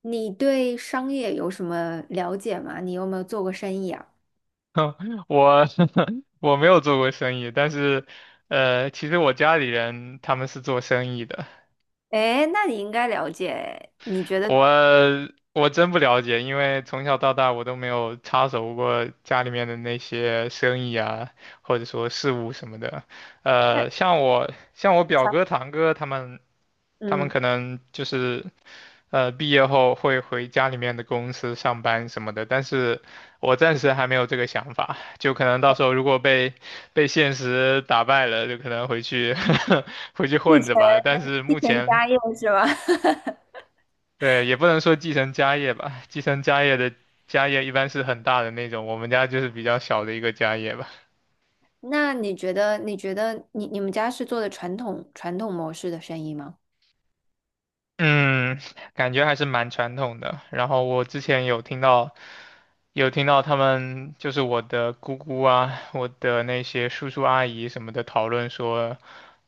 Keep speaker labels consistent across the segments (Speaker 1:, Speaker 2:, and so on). Speaker 1: 你对商业有什么了解吗？你有没有做过生意啊？
Speaker 2: 我 我没有做过生意，但是，其实我家里人他们是做生意的，
Speaker 1: 哎，那你应该了解。你觉得
Speaker 2: 我我真不了解，因为从小到大我都没有插手过家里面的那些生意啊，或者说事务什么的。
Speaker 1: 那
Speaker 2: 像我表哥堂哥他们，他们
Speaker 1: 嗯，
Speaker 2: 可能就是。毕业后会回家里面的公司上班什么的，但是我暂时还没有这个想法，就可能到时候如果被现实打败了，就可能回去 回去
Speaker 1: 继
Speaker 2: 混
Speaker 1: 承
Speaker 2: 着吧。但是
Speaker 1: 继
Speaker 2: 目
Speaker 1: 承
Speaker 2: 前，
Speaker 1: 家业是吧？
Speaker 2: 对，也不能说继承家业吧，继承家业的家业一般是很大的那种，我们家就是比较小的一个家业吧。
Speaker 1: 那你觉得你们家是做的传统模式的生意吗？
Speaker 2: 嗯，感觉还是蛮传统的。然后我之前有听到，有听到他们就是我的姑姑啊，我的那些叔叔阿姨什么的讨论说，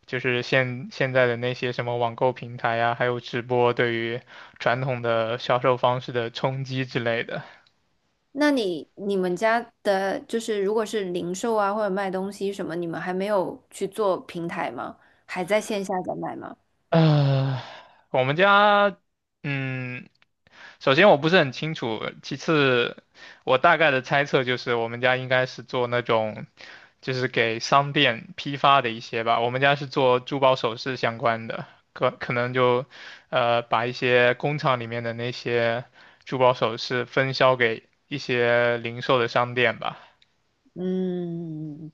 Speaker 2: 就是现在的那些什么网购平台啊，还有直播对于传统的销售方式的冲击之类的。
Speaker 1: 那你们家的就是如果是零售啊或者卖东西什么，你们还没有去做平台吗？还在线下在卖吗？
Speaker 2: 呃，我们家，嗯，首先我不是很清楚，其次我大概的猜测就是我们家应该是做那种，就是给商店批发的一些吧。我们家是做珠宝首饰相关的，可能就，把一些工厂里面的那些珠宝首饰分销给一些零售的商店吧。
Speaker 1: 嗯，嗯嗯嗯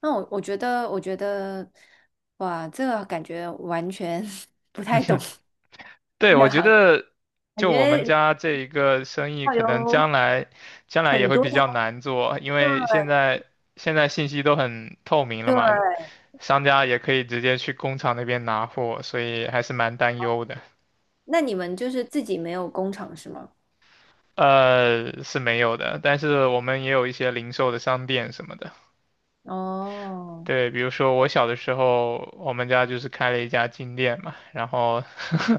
Speaker 1: 那我觉得，我觉得，哇，这个感觉完全 不太懂
Speaker 2: 对，
Speaker 1: 这
Speaker 2: 我
Speaker 1: 个
Speaker 2: 觉
Speaker 1: 行业，
Speaker 2: 得
Speaker 1: 感
Speaker 2: 就我们
Speaker 1: 觉
Speaker 2: 家这一个生意，
Speaker 1: 要
Speaker 2: 可能将
Speaker 1: 有
Speaker 2: 来将来也
Speaker 1: 很
Speaker 2: 会比
Speaker 1: 多
Speaker 2: 较难做，因为
Speaker 1: 的。
Speaker 2: 现在信息都很透明了
Speaker 1: 对，
Speaker 2: 嘛，商家也可以直接去工厂那边拿货，所以还是蛮担忧的。
Speaker 1: 那你们就是自己没有工厂是吗？
Speaker 2: 是没有的，但是我们也有一些零售的商店什么的。
Speaker 1: 哦，
Speaker 2: 对，比如说我小的时候，我们家就是开了一家金店嘛，然后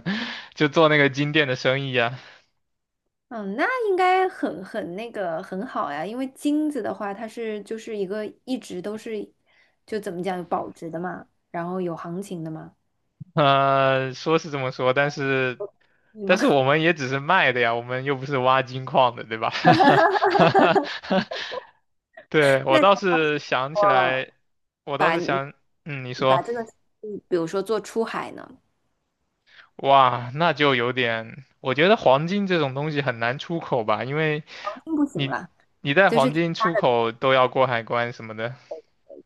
Speaker 2: 就做那个金店的生意啊，
Speaker 1: 嗯，那应该很那个很好呀，因为金子的话，它是就是一个一直都是，就怎么讲有保值的嘛，然后有行情的嘛，
Speaker 2: 说是这么说，但是
Speaker 1: 对吗？
Speaker 2: 我 们也只是卖的呀，我们又不是挖金矿的，对吧？对，我
Speaker 1: 那如
Speaker 2: 倒是想起
Speaker 1: 果
Speaker 2: 来，我倒是想，嗯，你
Speaker 1: 把
Speaker 2: 说，
Speaker 1: 这个，嗯比如说做出海呢，
Speaker 2: 哇，那就有点，我觉得黄金这种东西很难出口吧，因为
Speaker 1: 并不行
Speaker 2: 你
Speaker 1: 啦。
Speaker 2: 你在
Speaker 1: 就是
Speaker 2: 黄金出口都要过海关什么的，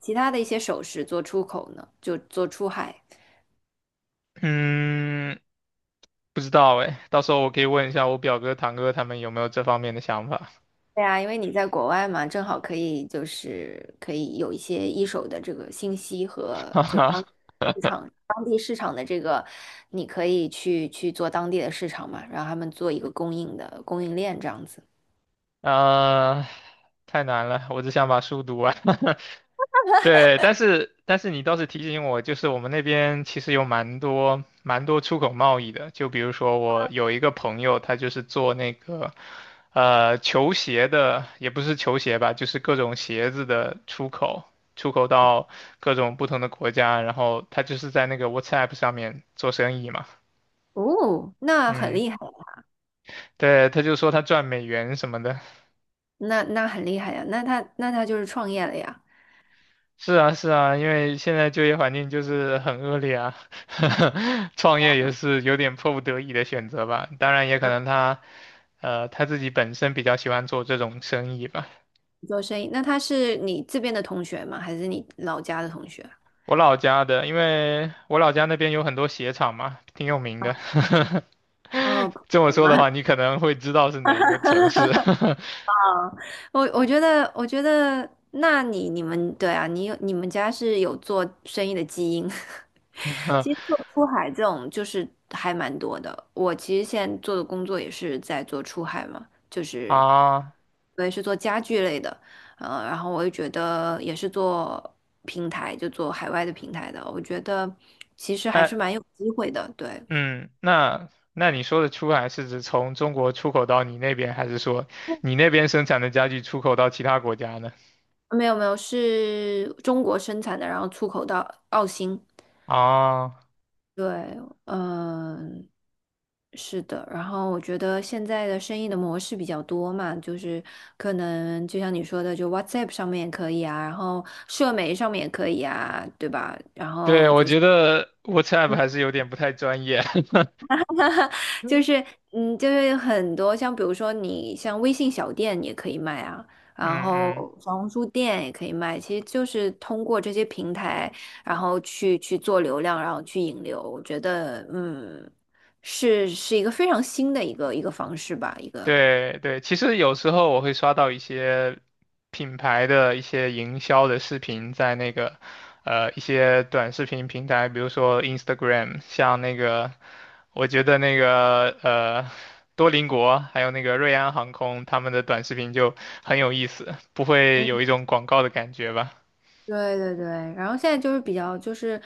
Speaker 1: 其他的一些首饰做出口呢，就做出海。
Speaker 2: 嗯，不知道哎，到时候我可以问一下我表哥、堂哥他们有没有这方面的想法。
Speaker 1: 对啊，因为你在国外嘛，正好可以就是可以有一些一手的这个信息和
Speaker 2: 哈
Speaker 1: 就是当
Speaker 2: 哈。
Speaker 1: 市场当地市场的这个，你可以去做当地的市场嘛，让他们做一个供应的供应链这样子。
Speaker 2: 啊、太难了，我只想把书读完。对，但是你倒是提醒我，就是我们那边其实有蛮多出口贸易的，就比如说我有一个朋友，他就是做那个球鞋的，也不是球鞋吧，就是各种鞋子的出口，出口到各种不同的国家，然后他就是在那个 WhatsApp 上面做生意嘛，
Speaker 1: 哦，那很
Speaker 2: 嗯，
Speaker 1: 厉害呀，
Speaker 2: 对，他就说他赚美元什么的，
Speaker 1: 那那很厉害呀，那他就是创业了呀，
Speaker 2: 是啊，是啊，因为现在就业环境就是很恶劣啊，创业也是有点迫不得已的选择吧。当然，也可能他，他自己本身比较喜欢做这种生意吧。
Speaker 1: 做生意。那他是你这边的同学吗？还是你老家的同学？
Speaker 2: 我老家的，因为我老家那边有很多鞋厂嘛，挺有名的。
Speaker 1: 哦，
Speaker 2: 这么
Speaker 1: 我友
Speaker 2: 说的
Speaker 1: 吗
Speaker 2: 话，你可能会知道是哪一个城市
Speaker 1: 我觉得，我觉得，那你你们，对啊，你有你们家是有做生意的基因。其实做 出海这种就是还蛮多的。我其实现在做的工作也是在做出海嘛，就是
Speaker 2: 啊？
Speaker 1: 我也是做家具类的，呃，然后我也觉得也是做平台，就做海外的平台的。我觉得其实还
Speaker 2: 哎，
Speaker 1: 是蛮有机会的。对，
Speaker 2: 嗯，那那你说的出海是指从中国出口到你那边，还是说你那边生产的家具出口到其他国家呢？
Speaker 1: 没有没有，是中国生产的，然后出口到澳新。
Speaker 2: 啊，
Speaker 1: 对，嗯、是的，然后我觉得现在的生意的模式比较多嘛，就是可能就像你说的，就 WhatsApp 上面也可以啊，然后社媒上面也可以啊，对吧？然
Speaker 2: 对，
Speaker 1: 后
Speaker 2: 我
Speaker 1: 就是
Speaker 2: 觉得 WhatsApp 还是有点不太专业。
Speaker 1: 就是嗯，就是很多像比如说你像微信小店也可以卖啊，
Speaker 2: 嗯
Speaker 1: 然后
Speaker 2: 嗯
Speaker 1: 小红书店也可以卖，其实就是通过这些平台，然后去做流量，然后去引流，我觉得嗯，是一个非常新的一个方式吧，一个。
Speaker 2: 对对，其实有时候我会刷到一些品牌的一些营销的视频，在那个一些短视频平台，比如说 Instagram，像那个我觉得那个多邻国还有那个瑞安航空，他们的短视频就很有意思，不会有一种广告的感觉吧？
Speaker 1: 对对对，然后现在就是比较就是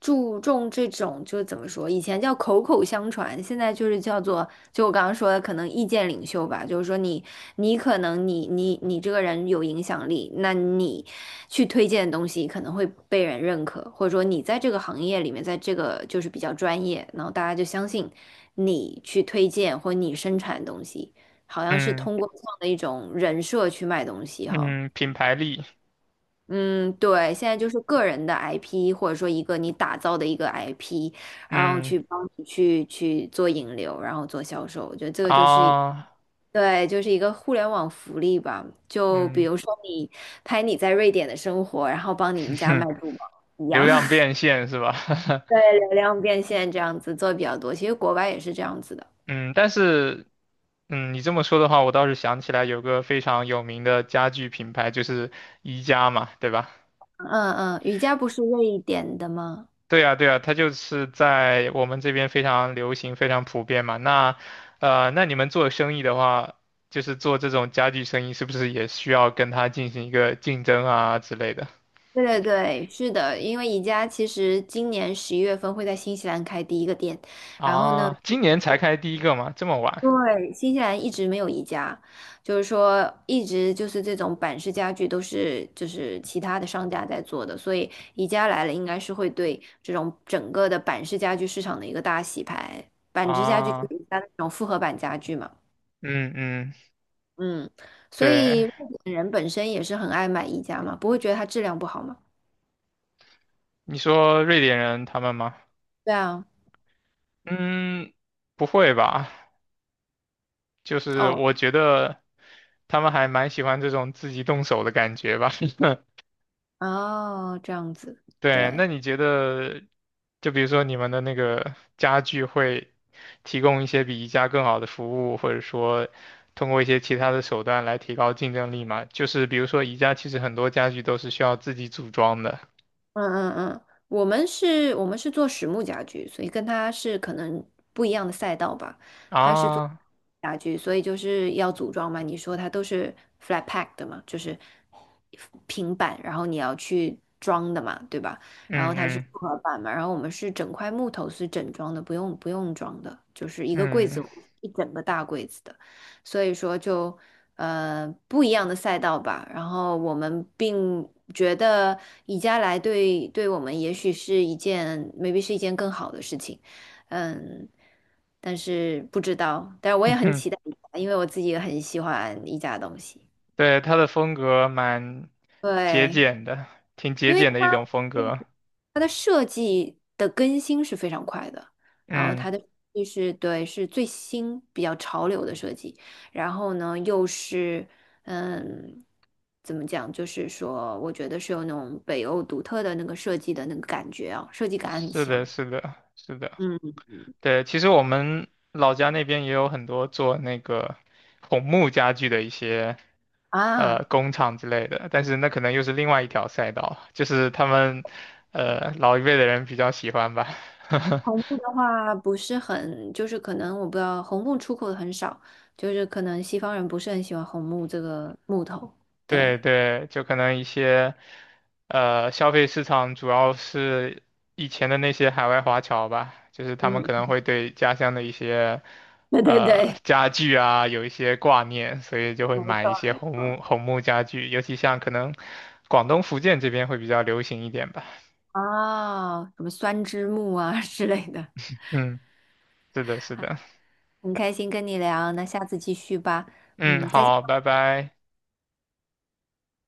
Speaker 1: 注重这种，就怎么说，以前叫口口相传，现在就是叫做，就我刚刚说的，可能意见领袖吧，就是说你你可能你这个人有影响力，那你去推荐的东西可能会被人认可，或者说你在这个行业里面，在这个就是比较专业，然后大家就相信你去推荐或你生产的东西，好像是
Speaker 2: 嗯
Speaker 1: 通过这样的一种人设去卖东西哈。
Speaker 2: 嗯，品牌力，
Speaker 1: 嗯，对，现在就是个人的 IP，或者说一个你打造的一个 IP，然后
Speaker 2: 嗯
Speaker 1: 去帮你去做引流，然后做销售，我觉得这个就是一，
Speaker 2: 啊
Speaker 1: 对，就是一个互联网福利吧。就比
Speaker 2: 嗯，
Speaker 1: 如说你拍你在瑞典的生活，然后帮你们家卖珠宝 一
Speaker 2: 流
Speaker 1: 样，
Speaker 2: 量 变现是吧？
Speaker 1: 流量变现这样子做比较多。其实国外也是这样子的。
Speaker 2: 嗯，但是，嗯，你这么说的话，我倒是想起来有个非常有名的家具品牌，就是宜家嘛，对吧？
Speaker 1: 嗯嗯，瑜伽不是瑞典的吗？
Speaker 2: 对啊，对啊，它就是在我们这边非常流行、非常普遍嘛。那，那你们做生意的话，就是做这种家具生意，是不是也需要跟它进行一个竞争啊之类的？
Speaker 1: 对对对，是的，因为宜家其实今年十一月份会在新西兰开第一个店，然后呢。
Speaker 2: 啊，今年才开第一个吗？这么晚？
Speaker 1: 对，新西兰一直没有宜家，就是说一直就是这种板式家具都是就是其他的商家在做的，所以宜家来了应该是会对这种整个的板式家具市场的一个大洗牌。板式家具就
Speaker 2: 啊，
Speaker 1: 是宜家的那种复合板家具嘛，
Speaker 2: 嗯嗯，
Speaker 1: 嗯，所
Speaker 2: 对，
Speaker 1: 以日本人本身也是很爱买宜家嘛，不会觉得它质量不好嘛？
Speaker 2: 你说瑞典人他们吗？
Speaker 1: 对啊，
Speaker 2: 嗯，不会吧？就是
Speaker 1: 哦
Speaker 2: 我觉得他们还蛮喜欢这种自己动手的感觉吧。
Speaker 1: 哦，这样子，
Speaker 2: 对，那
Speaker 1: 对。
Speaker 2: 你觉得，就比如说你们的那个家具会提供一些比宜家更好的服务，或者说通过一些其他的手段来提高竞争力吗？就是比如说宜家其实很多家具都是需要自己组装的
Speaker 1: 嗯嗯嗯，我们是做实木家具，所以跟他是可能不一样的赛道吧。
Speaker 2: 啊，
Speaker 1: 家具，所以就是要组装嘛。你说它都是 flat pack 的嘛，就是平板，然后你要去装的嘛，对吧？然后
Speaker 2: 嗯
Speaker 1: 它是
Speaker 2: 嗯
Speaker 1: 复合板嘛，然后我们是整块木头是整装的，不用装的，就是一个柜
Speaker 2: 嗯，
Speaker 1: 子，一整个大柜子的。所以说就呃不一样的赛道吧。然后我们并觉得宜家来对我们也许是一件 maybe 是一件更好的事情。嗯，但是不知道，但是我也很期待宜家，因为我自己也很喜欢宜家的东西。
Speaker 2: 对，它的风格蛮节
Speaker 1: 对，
Speaker 2: 俭的，挺
Speaker 1: 因
Speaker 2: 节
Speaker 1: 为它
Speaker 2: 俭的一种风
Speaker 1: 嗯
Speaker 2: 格，
Speaker 1: 它的设计的更新是非常快的，然后它
Speaker 2: 嗯。
Speaker 1: 的就是对是最新比较潮流的设计，然后呢又是嗯怎么讲，就是说我觉得是有那种北欧独特的那个设计的那个感觉啊，设计感很
Speaker 2: 是的，
Speaker 1: 强。
Speaker 2: 是的，是的，
Speaker 1: 嗯
Speaker 2: 对，其实我们老家那边也有很多做那个红木家具的一些
Speaker 1: 啊。
Speaker 2: 工厂之类的，但是那可能又是另外一条赛道，就是他们老一辈的人比较喜欢吧。
Speaker 1: 红木的话不是很，就是可能我不知道，红木出口的很少，就是可能西方人不是很喜欢红木这个木头。
Speaker 2: 对
Speaker 1: 对，
Speaker 2: 对，就可能一些，消费市场主要是以前的那些海外华侨吧，就是他们可能
Speaker 1: 嗯
Speaker 2: 会对家乡的一些，
Speaker 1: 对对对，
Speaker 2: 家具啊有一些挂念，所以就会
Speaker 1: 没
Speaker 2: 买
Speaker 1: 错
Speaker 2: 一些
Speaker 1: 没
Speaker 2: 红
Speaker 1: 错。
Speaker 2: 木红木家具，尤其像可能广东、福建这边会比较流行一点吧。
Speaker 1: 啊，什么酸枝木啊之类的，
Speaker 2: 嗯，是的，是的。
Speaker 1: 很开心跟你聊，那下次继续吧。
Speaker 2: 嗯，
Speaker 1: 嗯，再见。
Speaker 2: 好，拜拜。